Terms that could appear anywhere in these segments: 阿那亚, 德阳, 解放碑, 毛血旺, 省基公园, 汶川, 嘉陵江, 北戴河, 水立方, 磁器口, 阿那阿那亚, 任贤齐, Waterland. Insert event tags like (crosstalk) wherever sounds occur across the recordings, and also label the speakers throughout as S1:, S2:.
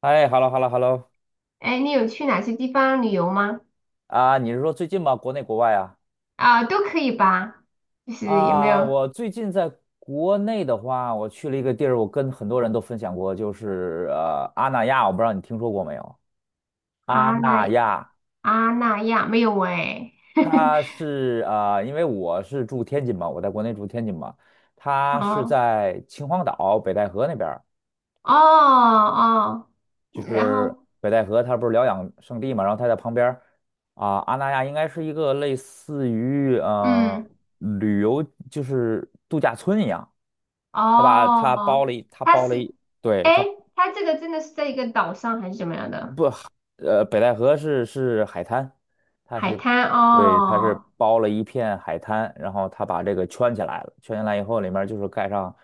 S1: 哎，hello hello hello。
S2: 哎，你有去哪些地方旅游吗？
S1: 啊，你是说最近吗？国内国外啊？
S2: 啊，都可以吧。就是有没
S1: 啊，
S2: 有
S1: 我最近在国内的话，我去了一个地儿，我跟很多人都分享过，就是阿那亚，我不知道你听说过没有？阿
S2: 阿
S1: 那
S2: 那
S1: 亚，
S2: 阿那亚？没有哎。
S1: 它
S2: (laughs)
S1: 是因为我是住天津嘛，我在国内住天津嘛，它是
S2: 哦
S1: 在秦皇岛北戴河那边
S2: 哦哦，
S1: 就
S2: 然
S1: 是
S2: 后
S1: 北戴河，它不是疗养圣地嘛，然后它在旁边儿阿那亚应该是一个类似于
S2: 嗯
S1: 旅游就是度假村一样，它把
S2: 哦，
S1: 它包了一，它
S2: 它
S1: 包了
S2: 是
S1: 一，对，
S2: 哎，
S1: 它
S2: 它这个真的是在一个岛上还是怎么样的
S1: 不，北戴河是海滩，它
S2: 海
S1: 是
S2: 滩？
S1: 对，它是
S2: 哦
S1: 包了一片海滩，然后它把这个圈起来了，圈起来以后里面就是盖上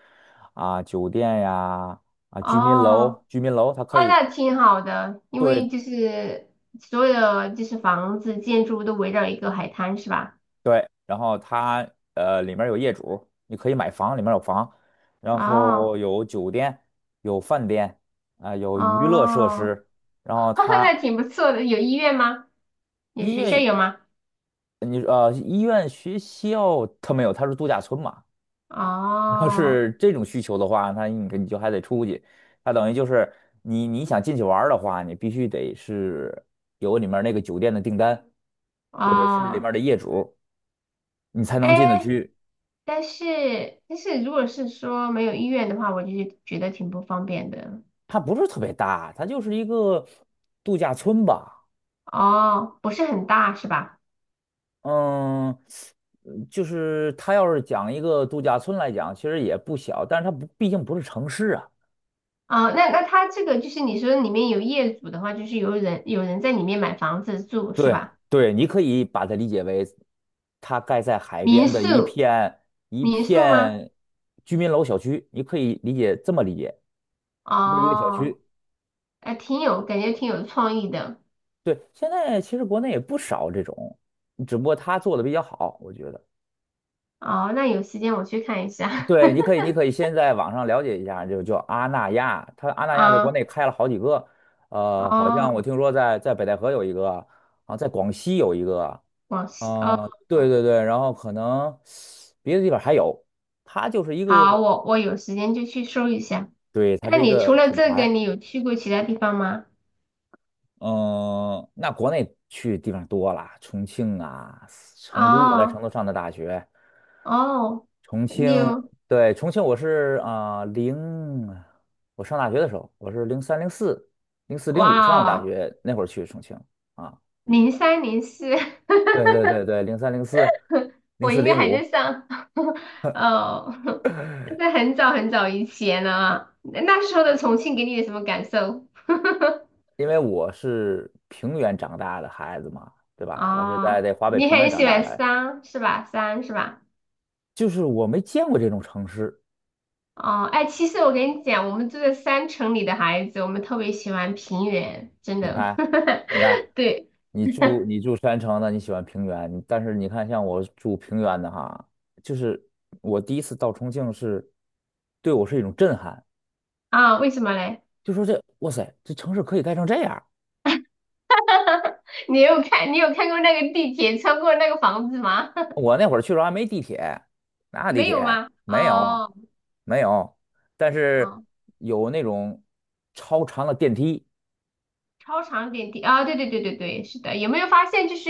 S1: 酒店呀居民
S2: 哦
S1: 楼，居民楼它
S2: 哦，
S1: 可以。
S2: 那挺好的，因
S1: 对
S2: 为就是所有的就是房子建筑都围绕一个海滩是吧？
S1: 对，然后它里面有业主，你可以买房，里面有房，然后
S2: 哦
S1: 有酒店，有饭店，有娱乐设
S2: 哦
S1: 施，然后
S2: (laughs) 那
S1: 它
S2: 挺不错的。有医院吗？有
S1: 音
S2: 学校
S1: 乐
S2: 有吗？
S1: 你医院、学校它没有，它是度假村嘛。你要
S2: 哦
S1: 是这种需求的话，那你就还得出去，它等于就是你想进去玩儿的话，你必须得是有里面那个酒店的订单，或者是里面
S2: 哦，
S1: 的业主，你才能进得
S2: 哎，
S1: 去。
S2: 但是如果是说没有医院的话，我就觉得挺不方便的。
S1: 它不是特别大，它就是一个度假村吧。
S2: 哦，不是很大是吧？
S1: 嗯。就是它要是讲一个度假村来讲，其实也不小，但是它不，毕竟不是城市啊。
S2: 哦，那那他这个就是你说里面有业主的话，就是有人在里面买房子住是
S1: 对
S2: 吧？
S1: 对，你可以把它理解为，它盖在海
S2: 民
S1: 边的一
S2: 宿
S1: 片一
S2: 民宿吗？
S1: 片居民楼小区，你可以这么理解，就是一个小
S2: 哦，
S1: 区。
S2: 哎，挺有感觉，挺有创意的。
S1: 对，现在其实国内也不少这种，只不过他做的比较好，我觉得。
S2: 哦，那有时间我去看一下。
S1: 对，你可以，
S2: (laughs)
S1: 你可以先在网上了解一下，就叫阿那亚，阿那亚在国
S2: 啊，
S1: 内开了好几个。好像我
S2: 哦，
S1: 听说在北戴河有一个，啊，在广西有一个。
S2: 广西哦。
S1: 对对对，然后可能别的地方还有，它就是一个，
S2: 好，我有时间就去搜一下。
S1: 对，它
S2: 那
S1: 是一
S2: 你除
S1: 个
S2: 了
S1: 品
S2: 这个，
S1: 牌。
S2: 你有去过其他地方吗？
S1: 嗯，那国内去地方多了，重庆啊，成都，我在成
S2: 哦
S1: 都上的大学。
S2: 哦，
S1: 重
S2: 你
S1: 庆，
S2: 有
S1: 对，重庆，我是啊零、我上大学的时候，我是零三零四、零四零五上的
S2: 哇
S1: 大
S2: 哦，
S1: 学，那会儿去重庆啊，
S2: 03、04，(laughs)
S1: 对对对对，零三零四、零
S2: 我
S1: 四
S2: 应该
S1: 零
S2: 还
S1: 五。
S2: 在上 (laughs) 哦，(laughs) 那是很早很早以前了。那那时候的重庆给你有什么感受？
S1: 因为我是平原长大的孩子嘛，对吧？我是在
S2: 哦，
S1: 这华北
S2: 你
S1: 平原
S2: 很
S1: 长
S2: 喜
S1: 大
S2: 欢
S1: 的，
S2: 山是吧？山是吧？
S1: 就是我没见过这种城市。
S2: 哦，哎，其实我跟你讲，我们住在山城里的孩子，我们特别喜欢平原，真
S1: 你
S2: 的。
S1: 看，
S2: (laughs)
S1: 你看，
S2: 对
S1: 你住山城的，你喜欢平原，你但是你看像我住平原的哈，就是我第一次到重庆是，对我是一种震撼，
S2: 啊，为什么嘞？
S1: 就说这哇塞，这城市可以盖成这样。
S2: 你有看过那个地铁穿过那个房子吗？(laughs)
S1: 我那会儿去的时候还没地铁，哪有地
S2: 没有
S1: 铁？
S2: 吗？
S1: 没有，
S2: 哦
S1: 没有，但是
S2: 哦，
S1: 有那种超长的电梯
S2: 超长点地啊，对对对对对，是的。有没有发现，就是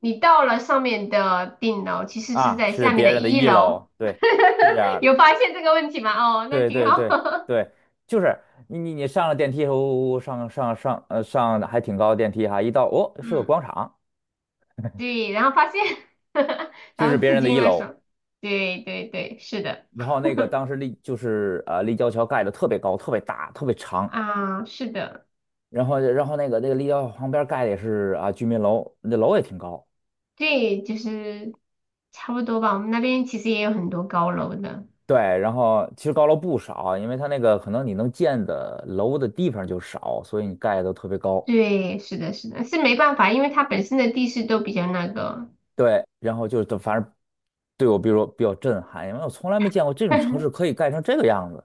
S2: 你到了上面的顶楼，其实是在
S1: 是
S2: 下面
S1: 别
S2: 的
S1: 人的
S2: 一
S1: 一楼，
S2: 楼，
S1: 对，是这样
S2: (laughs)
S1: 的。
S2: 有发现这个问题吗？哦，那
S1: 对
S2: 挺
S1: 对
S2: 好。
S1: 对
S2: (laughs)
S1: 对，就是你上了电梯，呜呜呜上上上上的还挺高的电梯哈，一到哦是个
S2: 嗯
S1: 广场，
S2: 对，然后发现，(laughs)
S1: 就
S2: 然
S1: 是
S2: 后
S1: 别
S2: 刺
S1: 人的
S2: 激
S1: 一
S2: 了
S1: 楼。
S2: 手，对对对，是的，
S1: 然后那个当时就是立交桥盖的特别高，特别大，特别长。
S2: 啊，是的，
S1: 然后那个立交桥旁边盖的也是啊居民楼，那楼也挺高。
S2: 对，就是差不多吧。我们那边其实也有很多高楼的，
S1: 对，然后其实高楼不少啊，因为它那个可能你能建的楼的地方就少，所以你盖的都特别高。
S2: 对，是的，是的，是没办法，因为它本身的地势都比较那个，
S1: 对，然后就是反正对我比如说比较震撼，因为我从来没见过这种城市
S2: (laughs)
S1: 可以盖成这个样子。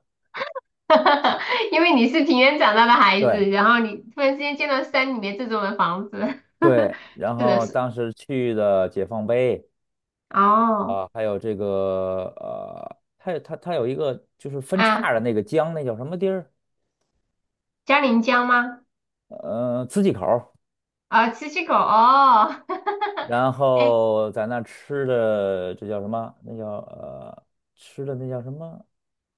S2: 哈哈哈！因为你是平原长大的孩
S1: 对
S2: 子，然后你突然之间见到山里面这种的房子，(laughs) 哈哈，
S1: 对，然
S2: 是的
S1: 后
S2: 是，
S1: 当时去的解放碑
S2: 哦，
S1: 还有这个它有一个就是分叉
S2: 啊，
S1: 的那个江，那叫什么地儿？
S2: 嘉陵江吗？
S1: 磁器口儿
S2: 啊，七七口，哦。(laughs)
S1: 然
S2: 哎，
S1: 后在那吃的这叫什么？吃的那叫什么？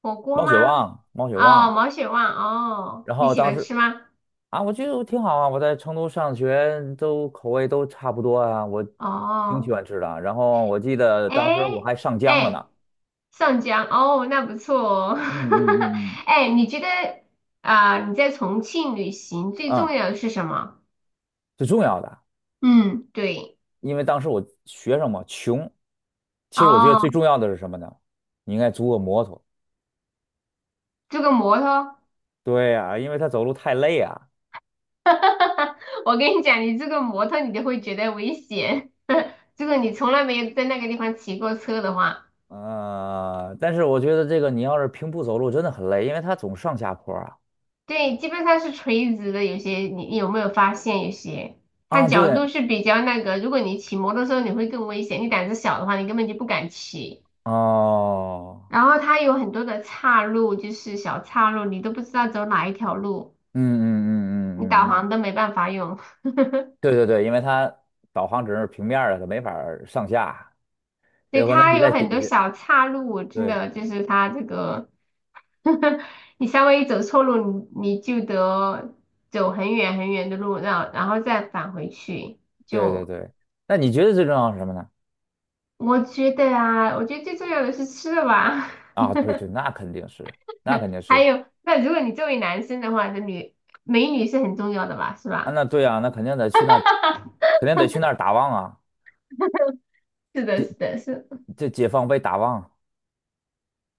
S2: 火锅
S1: 毛
S2: 吗？
S1: 血旺，毛血旺。
S2: 哦，毛血旺哦，
S1: 然
S2: 你
S1: 后
S2: 喜
S1: 当
S2: 欢
S1: 时
S2: 吃吗？
S1: 啊，我觉得我挺好啊，我在成都上学，都口味都差不多啊，我挺喜
S2: 哦，
S1: 欢吃的啊。然后我记得
S2: 哎
S1: 当时我还上江了
S2: 哎，
S1: 呢，
S2: 上江哦，那不错哦。
S1: 嗯嗯
S2: (laughs)
S1: 嗯嗯，
S2: 哎，你觉得啊、你在重庆旅行最
S1: 嗯，
S2: 重要的是什么？
S1: 最重要的，
S2: 嗯，对，
S1: 因为当时我学生嘛穷，其实我觉得最
S2: 哦，
S1: 重要的是什么呢？你应该租个摩托。
S2: 这个摩托，
S1: 对呀，因为他走路太累啊，
S2: (laughs) 我跟你讲，你这个摩托你都会觉得危险。(laughs) 如果你从来没有在那个地方骑过车的话。
S1: 但是我觉得这个你要是平步走路真的很累，因为他总上下坡啊。
S2: 对，基本上是垂直的。有些你有没有发现，有些它
S1: 啊，
S2: 角
S1: 对，
S2: 度是比较那个。如果你骑摩托车，你会更危险。你胆子小的话，你根本就不敢骑。
S1: 哦，
S2: 然后它有很多的岔路，就是小岔路，你都不知道走哪一条路，
S1: 嗯嗯
S2: 你
S1: 嗯嗯嗯
S2: 导
S1: 嗯。
S2: 航都没办法用。
S1: 对对对，因为它导航只是平面儿的，它没法儿上下，所
S2: 对，
S1: 以可能
S2: 它
S1: 你
S2: 有
S1: 在底
S2: 很多
S1: 下。
S2: 小岔路，我真
S1: 对
S2: 的就是它这个，(laughs) 你稍微一走错路，你就得走很远很远的路，然后再返回去，
S1: 对对
S2: 就
S1: 对，那你觉得最重要是什么呢？
S2: 我觉得啊，我觉得最重要的是吃的吧。
S1: 啊，对对，那肯定是，那肯定
S2: (laughs) 还
S1: 是
S2: 有，那如果你作为男生的话，美女是很重要的吧，是
S1: 啊，
S2: 吧？
S1: 那对啊，那肯定得去那儿，肯定得去那儿打望啊，
S2: 是的，是的，是
S1: 这解放碑打望。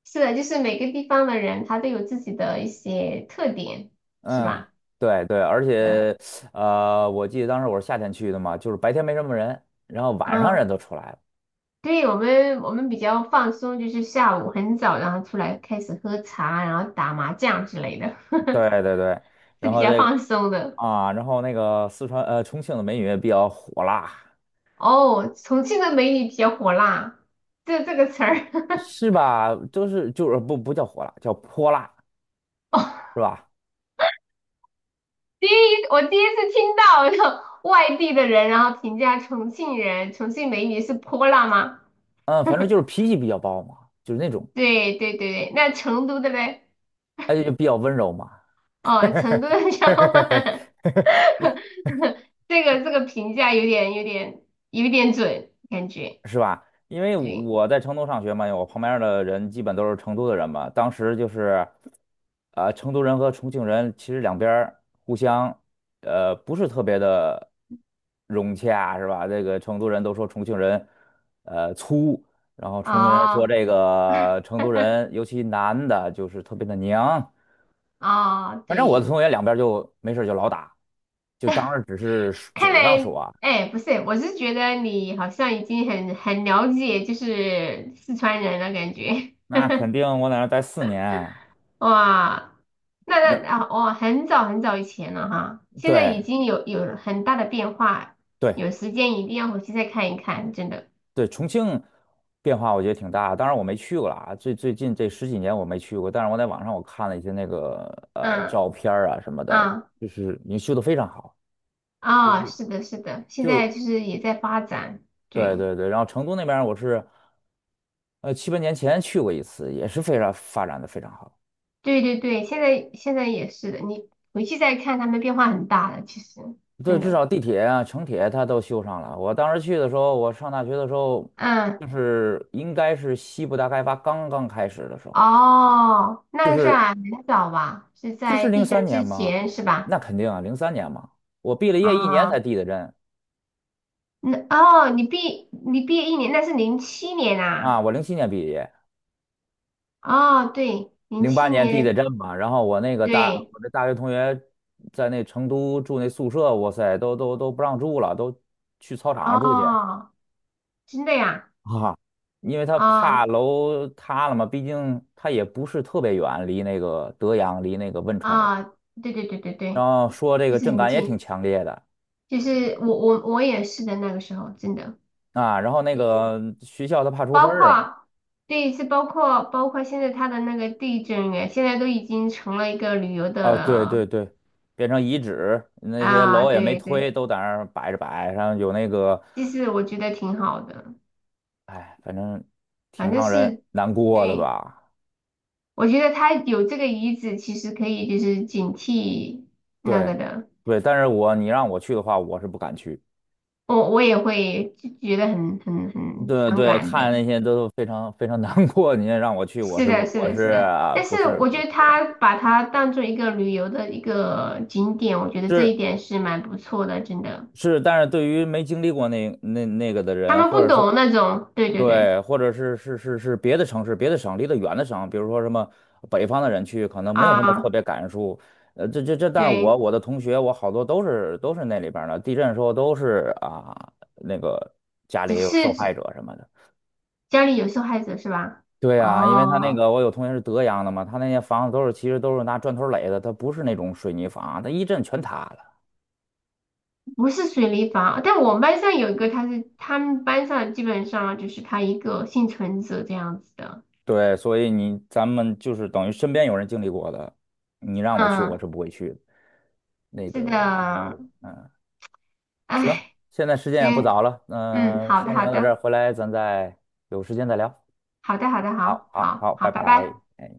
S2: 是的，就是每个地方的人他都有自己的一些特点，是
S1: 嗯，
S2: 吧？
S1: 对对，而
S2: 呃，
S1: 且我记得当时我是夏天去的嘛，就是白天没什么人，然后晚上
S2: 嗯，
S1: 人都出来了。
S2: 对，我们比较放松，就是下午很早，然后出来开始喝茶，然后打麻将之类的，
S1: 对对对，
S2: (laughs) 是
S1: 然
S2: 比
S1: 后
S2: 较
S1: 这个
S2: 放松的。
S1: 然后那个重庆的美女也比较火辣。
S2: 哦，重庆的美女比较火辣，这个词儿。(laughs)
S1: 是吧？就是不叫火辣，叫泼辣，是吧？
S2: 第一，我第一次听到有外地的人，然后评价重庆人，重庆美女是泼辣吗？
S1: 嗯，反正就是脾气比较暴嘛，就是那种，
S2: 对对对对，那成都的嘞？
S1: 而且就比较温柔嘛。
S2: 哦，成都的小伙伴，
S1: (laughs)
S2: (laughs) 这个评价有点准，感觉
S1: 是吧？因为
S2: 对，
S1: 我在成都上学嘛，我旁边儿的人基本都是成都的人嘛。当时就是，成都人和重庆人其实两边儿互相，不是特别的融洽，是吧？这个成都人都说重庆人，粗，然后重庆人说
S2: 哦
S1: 这个成都人，尤其男的，就是特别的娘。
S2: 哦
S1: 反正我的
S2: 对，
S1: 同学两边儿就没事儿就老打，就当时只是
S2: 看
S1: 嘴上
S2: 来
S1: 说啊，
S2: 哎不是，我是觉得你好像已经很了解就是四川人了，感觉。
S1: 那肯定我在那儿待4年。
S2: 哇，那
S1: 那
S2: 啊，哦，很早很早以前了哈，现在
S1: 对。
S2: 已经有了很大的变化，
S1: 对，
S2: 有时间一定要回去再看一看，真的。
S1: 对，重庆变化我觉得挺大，当然我没去过了啊，最近这十几年我没去过，但是我在网上我看了一些那个
S2: 嗯
S1: 照片儿啊什么的，
S2: 嗯
S1: 就是你修得非常好，就
S2: 啊，
S1: 就
S2: 是的，是的，现在
S1: 就
S2: 就是也在发展，
S1: 对
S2: 对
S1: 对对，然后成都那边儿我是7、8年前去过一次，也是非常发展的非常好，
S2: 对对对，现在也是的，你回去再看，他们变化很大的，其实
S1: 对，
S2: 真
S1: 至
S2: 的。
S1: 少地铁啊、城铁它都修上了。我当时去的时候，我上大学的时候，
S2: 嗯，
S1: 就是应该是西部大开发刚刚开始的时候。
S2: 哦，那个是啊，很早吧，是
S1: 就是
S2: 在
S1: 零
S2: 地
S1: 三
S2: 震
S1: 年
S2: 之
S1: 嘛，
S2: 前是
S1: 那
S2: 吧？
S1: 肯定啊，零三年嘛，我毕了业一年
S2: 啊。
S1: 才递的震
S2: 那哦，你毕业一年，那是零七年啊。
S1: 啊，我零七年毕业，
S2: 哦，对，零
S1: 零八
S2: 七
S1: 年递的
S2: 年，
S1: 震嘛，然后
S2: 对，
S1: 我那大学同学在那成都住那宿舍，哇塞，都不让住了，都去操场上住去
S2: 哦，真的呀，
S1: 啊，因为他怕
S2: 哦
S1: 楼塌了嘛，毕竟他也不是特别远，离那个德阳，离那个汶川那个，
S2: 啊，对对对对
S1: 然
S2: 对，
S1: 后说这
S2: 就
S1: 个
S2: 是
S1: 震
S2: 很
S1: 感也挺
S2: 近，
S1: 强烈的
S2: 就是我也是的那个时候，真的，
S1: 啊，然后那
S2: 对，
S1: 个学校他怕出事
S2: 包
S1: 儿。
S2: 括对，是包括现在他的那个地震哎，现在都已经成了一个旅游
S1: 啊，对
S2: 的
S1: 对对，变成遗址，那些
S2: 啊，
S1: 楼也没
S2: 对
S1: 推，
S2: 对，
S1: 都在那儿摆着摆，然后有那个，
S2: 其实我觉得挺好的，
S1: 哎，反正挺
S2: 反正
S1: 让人
S2: 是
S1: 难过的
S2: 对。
S1: 吧。
S2: 我觉得他有这个遗址，其实可以就是警惕那
S1: 对，
S2: 个的。
S1: 对，但是你让我去的话，我是不敢去。
S2: 我也会就觉得很
S1: 对
S2: 伤
S1: 对，
S2: 感
S1: 看
S2: 的。
S1: 那些都非常非常难过，你让我去，我
S2: 是
S1: 是
S2: 的，
S1: 不
S2: 是
S1: 我
S2: 的，
S1: 是
S2: 是的。
S1: 啊
S2: 但
S1: 不
S2: 是
S1: 是
S2: 我
S1: 不是
S2: 觉
S1: 特
S2: 得
S1: 别敢
S2: 他
S1: 去。
S2: 把它当做一个旅游的一个景点，我觉得这
S1: 是
S2: 一点是蛮不错的，真的。
S1: 是，但是对于没经历过那个的
S2: 他
S1: 人，
S2: 们
S1: 或
S2: 不
S1: 者说
S2: 懂那种，对对对，
S1: 对，或者是别的城市、别的省、离得远的省，比如说什么北方的人去，可能没有什么特
S2: 啊，
S1: 别感触。这这这，但是我
S2: 对，
S1: 我的同学，我好多都是那里边儿的，地震的时候都是啊，那个家
S2: 只
S1: 里有
S2: 是
S1: 受害
S2: 只
S1: 者什么的。
S2: 家里有受害者是吧？
S1: 对呀，因为他那
S2: 哦。
S1: 个我有同学是德阳的嘛，他那些房子其实都是拿砖头垒的，他不是那种水泥房啊，他一震全塌了。
S2: 不是水立方，但我们班上有一个，他是他们班上基本上就是他一个幸存者这样子的。
S1: 对，所以咱们就是等于身边有人经历过的，你让我去，我
S2: 嗯，
S1: 是不会去的。那
S2: 是
S1: 个，
S2: 的，
S1: 嗯。行，
S2: 哎，
S1: 现在时间也不
S2: 行，
S1: 早了，
S2: 嗯，
S1: 嗯、
S2: 好的，
S1: 先
S2: 好
S1: 聊到这儿，
S2: 的，
S1: 回来咱再有时间再聊。
S2: 好的，好的，好，
S1: 好，好，
S2: 好，
S1: 好，
S2: 好，
S1: 拜
S2: 拜
S1: 拜。
S2: 拜。
S1: 哎。